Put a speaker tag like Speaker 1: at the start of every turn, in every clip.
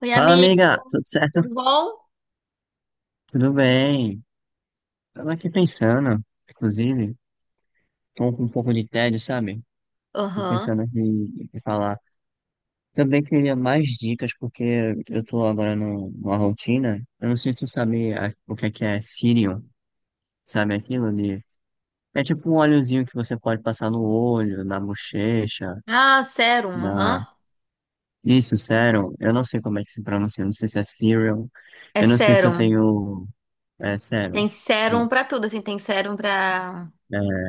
Speaker 1: Oi,
Speaker 2: Fala, amiga,
Speaker 1: amigo,
Speaker 2: tudo certo?
Speaker 1: tudo bom?
Speaker 2: Tudo bem. Tava aqui pensando, inclusive, tô com um pouco de tédio, sabe? Tô
Speaker 1: Aham.
Speaker 2: pensando aqui em falar. Também queria mais dicas, porque eu tô agora numa rotina. Eu não sei se tu sabe o que é Cirium, sabe aquilo de. É tipo um óleozinho que você pode passar no olho, na bochecha,
Speaker 1: Ah, sérum,
Speaker 2: na.
Speaker 1: aham.
Speaker 2: Isso, sérum. Eu não sei como é que se pronuncia, eu não sei se é Cirium.
Speaker 1: É
Speaker 2: Eu não sei se eu
Speaker 1: sérum.
Speaker 2: tenho. É, sérum.
Speaker 1: Tem sérum pra tudo, assim, tem sérum pra,
Speaker 2: É,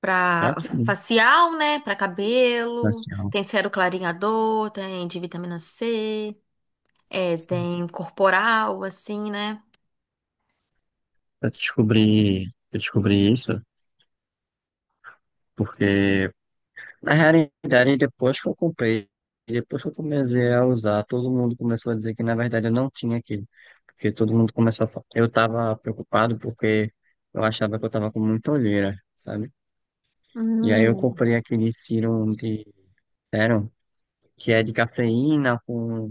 Speaker 1: pra
Speaker 2: pra tudo.
Speaker 1: facial, né? Pra cabelo, tem sérum clareador, tem de vitamina C,
Speaker 2: Sim.
Speaker 1: tem corporal, assim, né?
Speaker 2: Eu descobri, eu descobri isso porque, na realidade, depois que eu comecei a usar, todo mundo começou a dizer que, na verdade, eu não tinha aquilo. Porque todo mundo começou a falar. Eu tava preocupado porque eu achava que eu tava com muita olheira, sabe? E aí eu
Speaker 1: Hum,
Speaker 2: comprei aquele serum, que é de cafeína com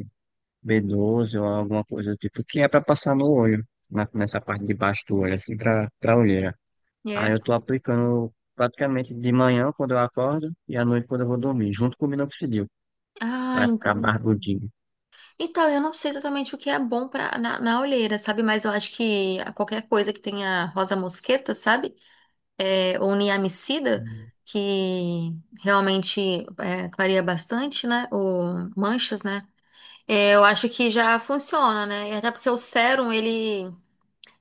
Speaker 2: B12 ou alguma coisa do tipo, que é pra passar no olho, nessa parte de baixo do olho, assim, pra olheira. Aí
Speaker 1: é.
Speaker 2: eu tô aplicando praticamente de manhã quando eu acordo e à noite quando eu vou dormir, junto com o minoxidil,
Speaker 1: Ah,
Speaker 2: pra ficar
Speaker 1: entendi.
Speaker 2: barbudinho.
Speaker 1: Então, eu não sei exatamente o que é bom na olheira, sabe? Mas eu acho que qualquer coisa que tenha rosa mosqueta, sabe? Oniamicida,
Speaker 2: Hum.
Speaker 1: que realmente clareia bastante, né? O manchas, né? É, eu acho que já funciona, né? E até porque o sérum, ele,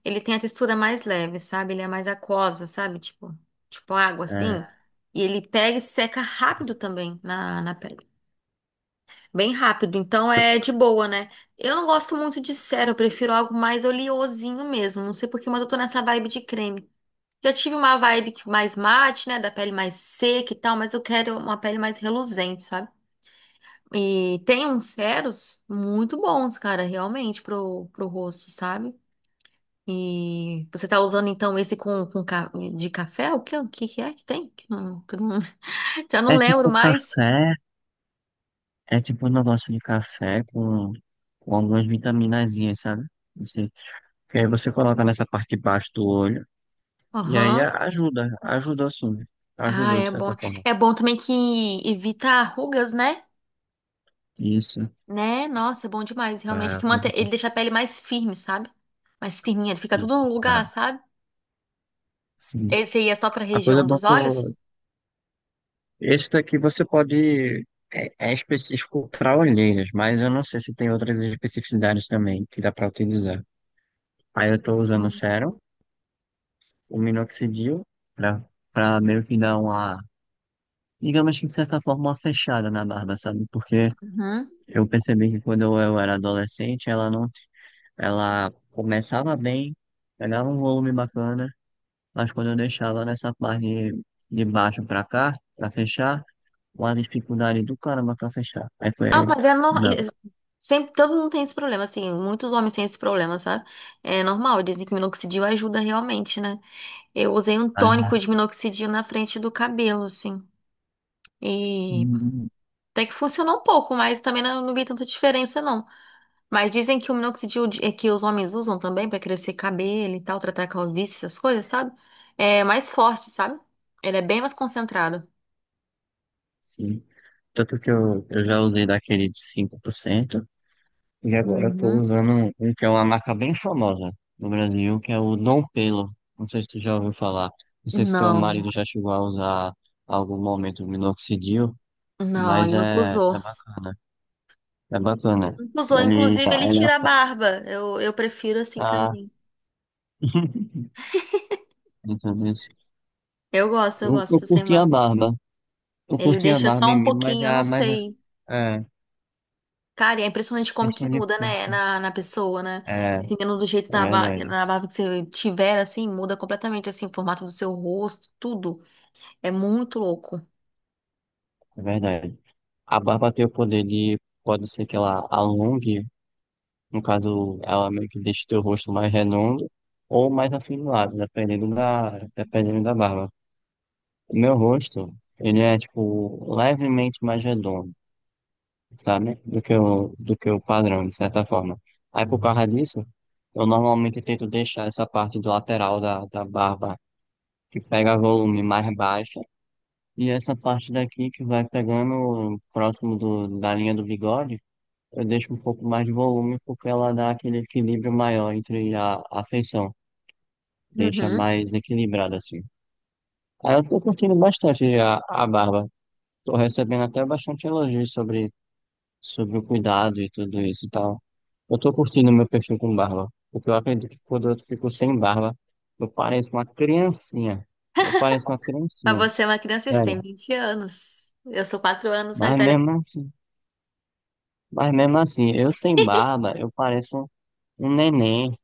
Speaker 1: ele tem a textura mais leve, sabe? Ele é mais aquosa, sabe? Tipo água, assim.
Speaker 2: É,
Speaker 1: E ele pega e seca rápido também na pele. Bem rápido, então é de boa, né? Eu não gosto muito de sérum, eu prefiro algo mais oleosinho mesmo. Não sei por que, mas eu tô nessa vibe de creme. Já tive uma vibe que mais mate, né? Da pele mais seca e tal, mas eu quero uma pele mais reluzente, sabe? E tem uns ceros muito bons, cara, realmente, pro rosto, sabe? E você tá usando então esse de café? O que que é que tem? Que não- Já não
Speaker 2: é
Speaker 1: lembro
Speaker 2: tipo
Speaker 1: mais.
Speaker 2: café, é tipo um negócio de café com algumas vitaminazinhas, sabe? Você, que aí você coloca nessa parte de baixo do olho e aí
Speaker 1: Aham.
Speaker 2: ajuda, ajuda sim,
Speaker 1: Ah,
Speaker 2: ajuda de
Speaker 1: é bom.
Speaker 2: certa forma.
Speaker 1: É bom também que evita rugas, né?
Speaker 2: Isso,
Speaker 1: Né? Nossa, é bom demais, realmente. É
Speaker 2: ah,
Speaker 1: que mantém, ele deixa a pele mais firme, sabe? Mais firminha, fica tudo
Speaker 2: isso,
Speaker 1: no
Speaker 2: ah,
Speaker 1: lugar, sabe?
Speaker 2: sim.
Speaker 1: Esse aí é só pra
Speaker 2: A coisa
Speaker 1: região
Speaker 2: boa é
Speaker 1: dos
Speaker 2: que
Speaker 1: olhos?
Speaker 2: eu. Esse daqui você pode. É específico para olheiras, mas eu não sei se tem outras especificidades também que dá para utilizar. Aí eu estou usando o
Speaker 1: Uhum.
Speaker 2: sérum, o minoxidil, para para meio que dar uma. Digamos que de certa forma uma fechada na barba, sabe? Porque
Speaker 1: Uhum.
Speaker 2: eu percebi que quando eu era adolescente, ela não. Ela começava bem, pegava um volume bacana, mas quando eu deixava nessa parte de baixo para cá, para fechar, uma dificuldade do caramba para fechar. Aí foi.
Speaker 1: Ah,
Speaker 2: Aí
Speaker 1: mas é normal. Sempre, todo mundo tem esse problema, assim, muitos homens têm esse problema, sabe? É normal, dizem que minoxidil ajuda realmente, né? Eu usei um tônico
Speaker 2: Ai,
Speaker 1: de minoxidil na frente do cabelo, assim, e
Speaker 2: hum,
Speaker 1: até que funcionou um pouco, mas também não vi tanta diferença, não. Mas dizem que o minoxidil é que os homens usam também pra crescer cabelo e tal, tratar calvície, essas coisas, sabe? É mais forte, sabe? Ele é bem mais concentrado.
Speaker 2: sim. Tanto que eu já usei daquele de 5% e agora eu tô
Speaker 1: Uhum.
Speaker 2: usando um que é uma marca bem famosa no Brasil, que é o Dom Pelo. Não sei se tu já ouviu falar. Não sei se teu
Speaker 1: Não.
Speaker 2: marido já chegou a usar em algum momento o minoxidil,
Speaker 1: Não,
Speaker 2: mas
Speaker 1: ele não
Speaker 2: é,
Speaker 1: usou.
Speaker 2: é bacana. É bacana.
Speaker 1: Ele não usou.
Speaker 2: Ele,
Speaker 1: Inclusive, ele
Speaker 2: ele
Speaker 1: tira a barba. Eu prefiro assim
Speaker 2: ah,
Speaker 1: também.
Speaker 2: Então, isso.
Speaker 1: Eu gosto, eu
Speaker 2: Eu
Speaker 1: gosto sem
Speaker 2: curti a
Speaker 1: barba.
Speaker 2: barba. Eu
Speaker 1: Ele
Speaker 2: curti a
Speaker 1: deixa
Speaker 2: barba
Speaker 1: só
Speaker 2: em
Speaker 1: um
Speaker 2: mim, mas
Speaker 1: pouquinho, eu não
Speaker 2: é mais
Speaker 1: sei.
Speaker 2: é,
Speaker 1: Cara, e é impressionante como que
Speaker 2: questão de.
Speaker 1: muda, né? Na pessoa, né?
Speaker 2: É,
Speaker 1: Dependendo do jeito
Speaker 2: é
Speaker 1: da barba,
Speaker 2: verdade.
Speaker 1: na barba que você tiver, assim, muda completamente, assim, o formato do seu rosto, tudo. É muito louco.
Speaker 2: É verdade. A barba tem o poder de, pode ser que ela alongue, no caso, ela meio que deixe teu rosto mais redondo ou mais afinado, dependendo da barba. O meu rosto, ele é, tipo, levemente mais redondo, sabe? Do que o padrão, de certa forma. Aí, por causa disso, eu normalmente tento deixar essa parte do lateral da barba, que pega volume mais baixa, e essa parte daqui que vai pegando próximo da linha do bigode, eu deixo um pouco mais de volume porque ela dá aquele equilíbrio maior entre a feição, deixa
Speaker 1: Uhum.
Speaker 2: mais equilibrado assim. Aí eu tô curtindo bastante a barba, tô recebendo até bastante elogios sobre o cuidado e tudo isso e tal. Eu tô curtindo meu perfil com barba, porque eu acredito que quando eu fico sem barba, eu pareço uma criancinha, eu pareço uma
Speaker 1: Mas
Speaker 2: criancinha,
Speaker 1: você é uma criança, você
Speaker 2: velho,
Speaker 1: tem 20 anos. Eu sou 4 anos mais
Speaker 2: mas
Speaker 1: velha.
Speaker 2: mesmo assim, mas mesmo assim, eu sem barba, eu pareço um neném,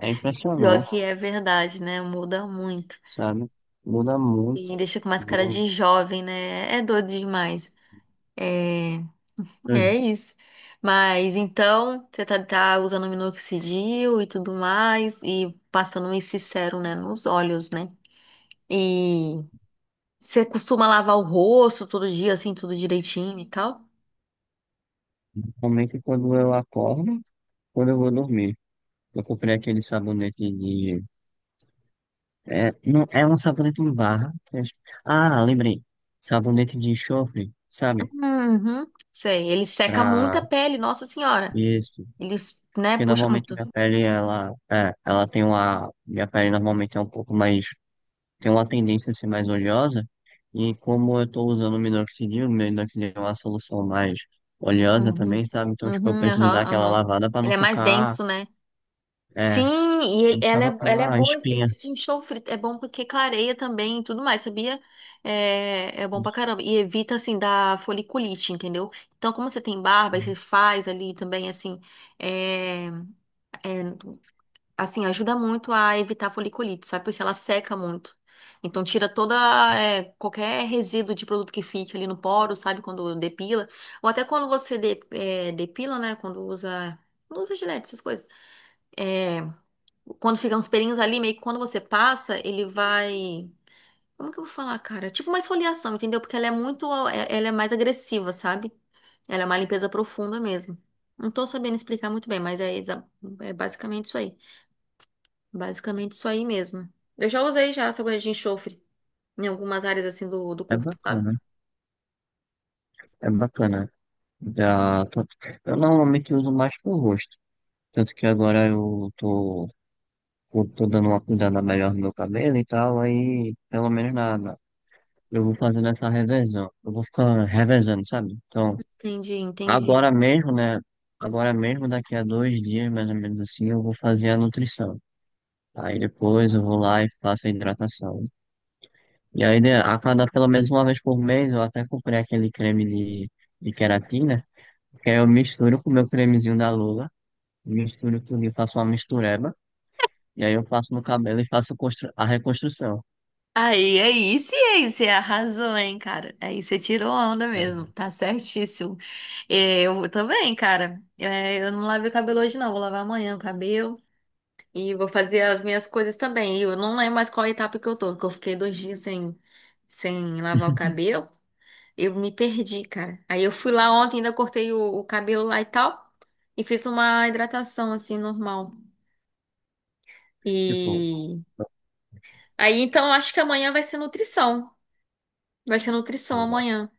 Speaker 2: é
Speaker 1: Pior
Speaker 2: impressionante,
Speaker 1: que é verdade, né? Muda muito.
Speaker 2: sabe? Muda
Speaker 1: E
Speaker 2: muito.
Speaker 1: deixa com mais cara
Speaker 2: Eu-
Speaker 1: de jovem, né? É doido demais. É,
Speaker 2: É.
Speaker 1: é isso. Mas então, você tá usando minoxidil e tudo mais, e passando esse sérum, né, nos olhos, né? E você costuma lavar o rosto todo dia, assim, tudo direitinho e tal?
Speaker 2: Principalmente quando eu acordo, quando eu vou dormir. Eu comprei aquele sabonete de. É, não, é um sabonete em barra. Ah, lembrei. Sabonete de enxofre, sabe?
Speaker 1: Uhum, sei. Ele seca muito a
Speaker 2: Pra
Speaker 1: pele, nossa senhora.
Speaker 2: isso.
Speaker 1: Ele, né,
Speaker 2: Porque
Speaker 1: puxa
Speaker 2: normalmente
Speaker 1: muito.
Speaker 2: minha pele, ela tem uma. Minha pele normalmente é um pouco mais. Tem uma tendência a ser mais oleosa, e como eu estou usando o minoxidil é uma solução mais oleosa
Speaker 1: Uhum,
Speaker 2: também, sabe? Então, tipo, eu
Speaker 1: uhum,
Speaker 2: preciso dar
Speaker 1: aham,
Speaker 2: aquela
Speaker 1: aham.
Speaker 2: lavada para não
Speaker 1: Ele é mais
Speaker 2: ficar,
Speaker 1: denso, né? Sim,
Speaker 2: pra não ficar
Speaker 1: ela
Speaker 2: com
Speaker 1: é, ela é
Speaker 2: aquela
Speaker 1: boa,
Speaker 2: espinha.
Speaker 1: esse enxofre é bom porque clareia também e tudo mais, sabia? É bom pra caramba. E evita, assim, da foliculite, entendeu? Então, como você tem barba e você faz ali também, assim, é, é, assim, ajuda muito a evitar a foliculite, sabe? Porque ela seca muito. Então, tira toda, qualquer resíduo de produto que fique ali no poro, sabe? Quando depila. Ou até quando você depila, né? Quando usa, não usa gilete, essas coisas. É quando ficam os pelinhos ali, meio que quando você passa, ele vai. Como que eu vou falar, cara? Tipo uma esfoliação, entendeu? Porque ela é muito. Ela é mais agressiva, sabe? Ela é uma limpeza profunda mesmo. Não tô sabendo explicar muito bem, mas é basicamente isso aí. Basicamente isso aí mesmo. Eu já usei já essa agulha de enxofre em algumas áreas assim do
Speaker 2: É
Speaker 1: corpo, sabe?
Speaker 2: bacana, é bacana. Já tô- Eu normalmente uso mais pro rosto, tanto que agora eu tô dando uma cuidada melhor no meu cabelo e tal, aí pelo menos nada. Eu vou fazendo essa revezão, eu vou ficar revezando, sabe? Então,
Speaker 1: Entendi, entendi.
Speaker 2: agora mesmo, né? Agora mesmo, daqui a 2 dias, mais ou menos assim, eu vou fazer a nutrição. Aí depois eu vou lá e faço a hidratação. E aí, a cada pelo menos uma vez por mês, eu até comprei aquele creme de, de queratina, que aí eu misturo com o meu cremezinho da Lula, misturo tudo e faço uma mistureba. E aí eu passo no cabelo e faço a reconstrução,
Speaker 1: Aí, sim, aí, você arrasou, hein, cara? Aí você tirou onda
Speaker 2: né?
Speaker 1: mesmo, tá certíssimo. É, eu também, cara. É, eu não lavei o cabelo hoje, não. Vou lavar amanhã o cabelo e vou fazer as minhas coisas também. E eu não lembro mais qual etapa que eu tô, porque eu fiquei 2 dias sem lavar o cabelo. Eu me perdi, cara. Aí eu fui lá ontem, ainda cortei o cabelo lá e tal, e fiz uma hidratação assim, normal.
Speaker 2: Tipo,
Speaker 1: E aí, então, eu acho que amanhã vai ser nutrição. Vai ser nutrição amanhã.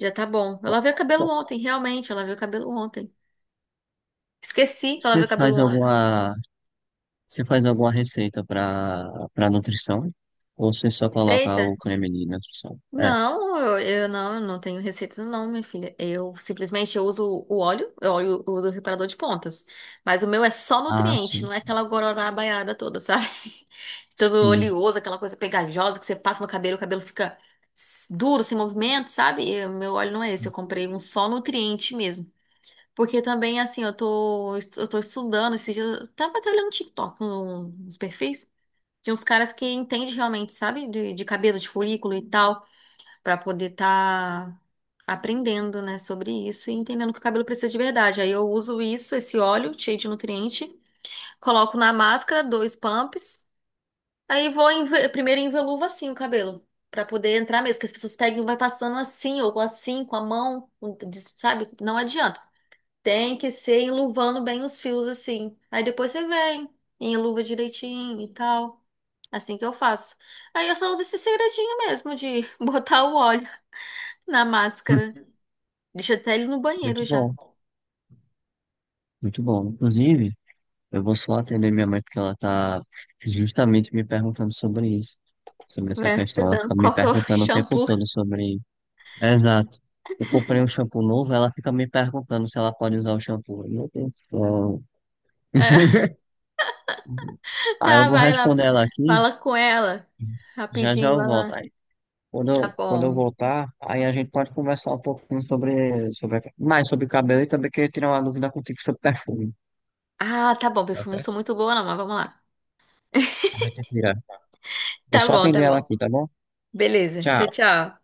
Speaker 1: Já tá bom. Eu lavei o cabelo ontem, realmente. Eu lavei o cabelo ontem. Esqueci que eu lavei
Speaker 2: você
Speaker 1: o cabelo
Speaker 2: faz
Speaker 1: ontem.
Speaker 2: alguma Você faz alguma receita para nutrição? Ou você só coloca
Speaker 1: Receita?
Speaker 2: o creme de nutrição? É.
Speaker 1: Não, eu não tenho receita não, minha filha. Eu simplesmente eu uso o óleo, eu uso o reparador de pontas. Mas o meu é só
Speaker 2: Ah,
Speaker 1: nutriente,
Speaker 2: sim.
Speaker 1: não é aquela gororá baiada toda, sabe? Todo
Speaker 2: Sim.
Speaker 1: oleoso, aquela coisa pegajosa que você passa no cabelo, o cabelo fica duro, sem movimento, sabe? E o meu óleo não é esse, eu comprei um só nutriente mesmo. Porque também, assim, eu tô estudando esses dias. Eu tava até olhando TikTok, uns perfis de uns caras que entendem realmente, sabe? De cabelo, de folículo e tal, pra poder tá aprendendo, né, sobre isso e entendendo que o cabelo precisa de verdade. Aí eu uso isso, esse óleo cheio de nutriente, coloco na máscara, 2 pumps, aí vou primeiro enveluvo assim o cabelo. Pra poder entrar mesmo, que as pessoas pegam e vai passando assim, ou assim, com a mão, sabe? Não adianta. Tem que ser enluvando bem os fios assim. Aí depois você vem, enluva direitinho e tal. Assim que eu faço. Aí eu só uso esse segredinho mesmo de botar o óleo na
Speaker 2: Hum.
Speaker 1: máscara. Deixa até ele no banheiro
Speaker 2: Muito
Speaker 1: já.
Speaker 2: bom. Muito bom. Inclusive, eu vou só atender minha mãe porque ela tá justamente me perguntando sobre isso. Sobre essa
Speaker 1: Vai
Speaker 2: questão. Ela
Speaker 1: apertando
Speaker 2: fica me
Speaker 1: qual que é o
Speaker 2: perguntando o tempo
Speaker 1: shampoo.
Speaker 2: todo sobre. Exato. Eu comprei um shampoo novo, ela fica me perguntando se ela pode usar o shampoo. Meu Deus do céu.
Speaker 1: É,
Speaker 2: Aí eu
Speaker 1: dá,
Speaker 2: vou
Speaker 1: vai lá,
Speaker 2: responder ela aqui.
Speaker 1: fala com ela.
Speaker 2: Já já
Speaker 1: Rapidinho,
Speaker 2: eu
Speaker 1: vai
Speaker 2: volto.
Speaker 1: lá.
Speaker 2: Aí, Quando
Speaker 1: Tá
Speaker 2: eu, quando eu
Speaker 1: bom.
Speaker 2: voltar, aí a gente pode conversar um pouquinho mais sobre cabelo e também queria tirar uma dúvida contigo sobre perfume,
Speaker 1: Ah, tá bom,
Speaker 2: tá
Speaker 1: perfume não sou
Speaker 2: certo?
Speaker 1: muito boa não, mas vamos lá.
Speaker 2: A gente tira. Vou
Speaker 1: Tá
Speaker 2: só
Speaker 1: bom,
Speaker 2: atender
Speaker 1: tá
Speaker 2: ela
Speaker 1: bom.
Speaker 2: aqui, tá bom?
Speaker 1: Beleza. Tchau,
Speaker 2: Tchau.
Speaker 1: tchau.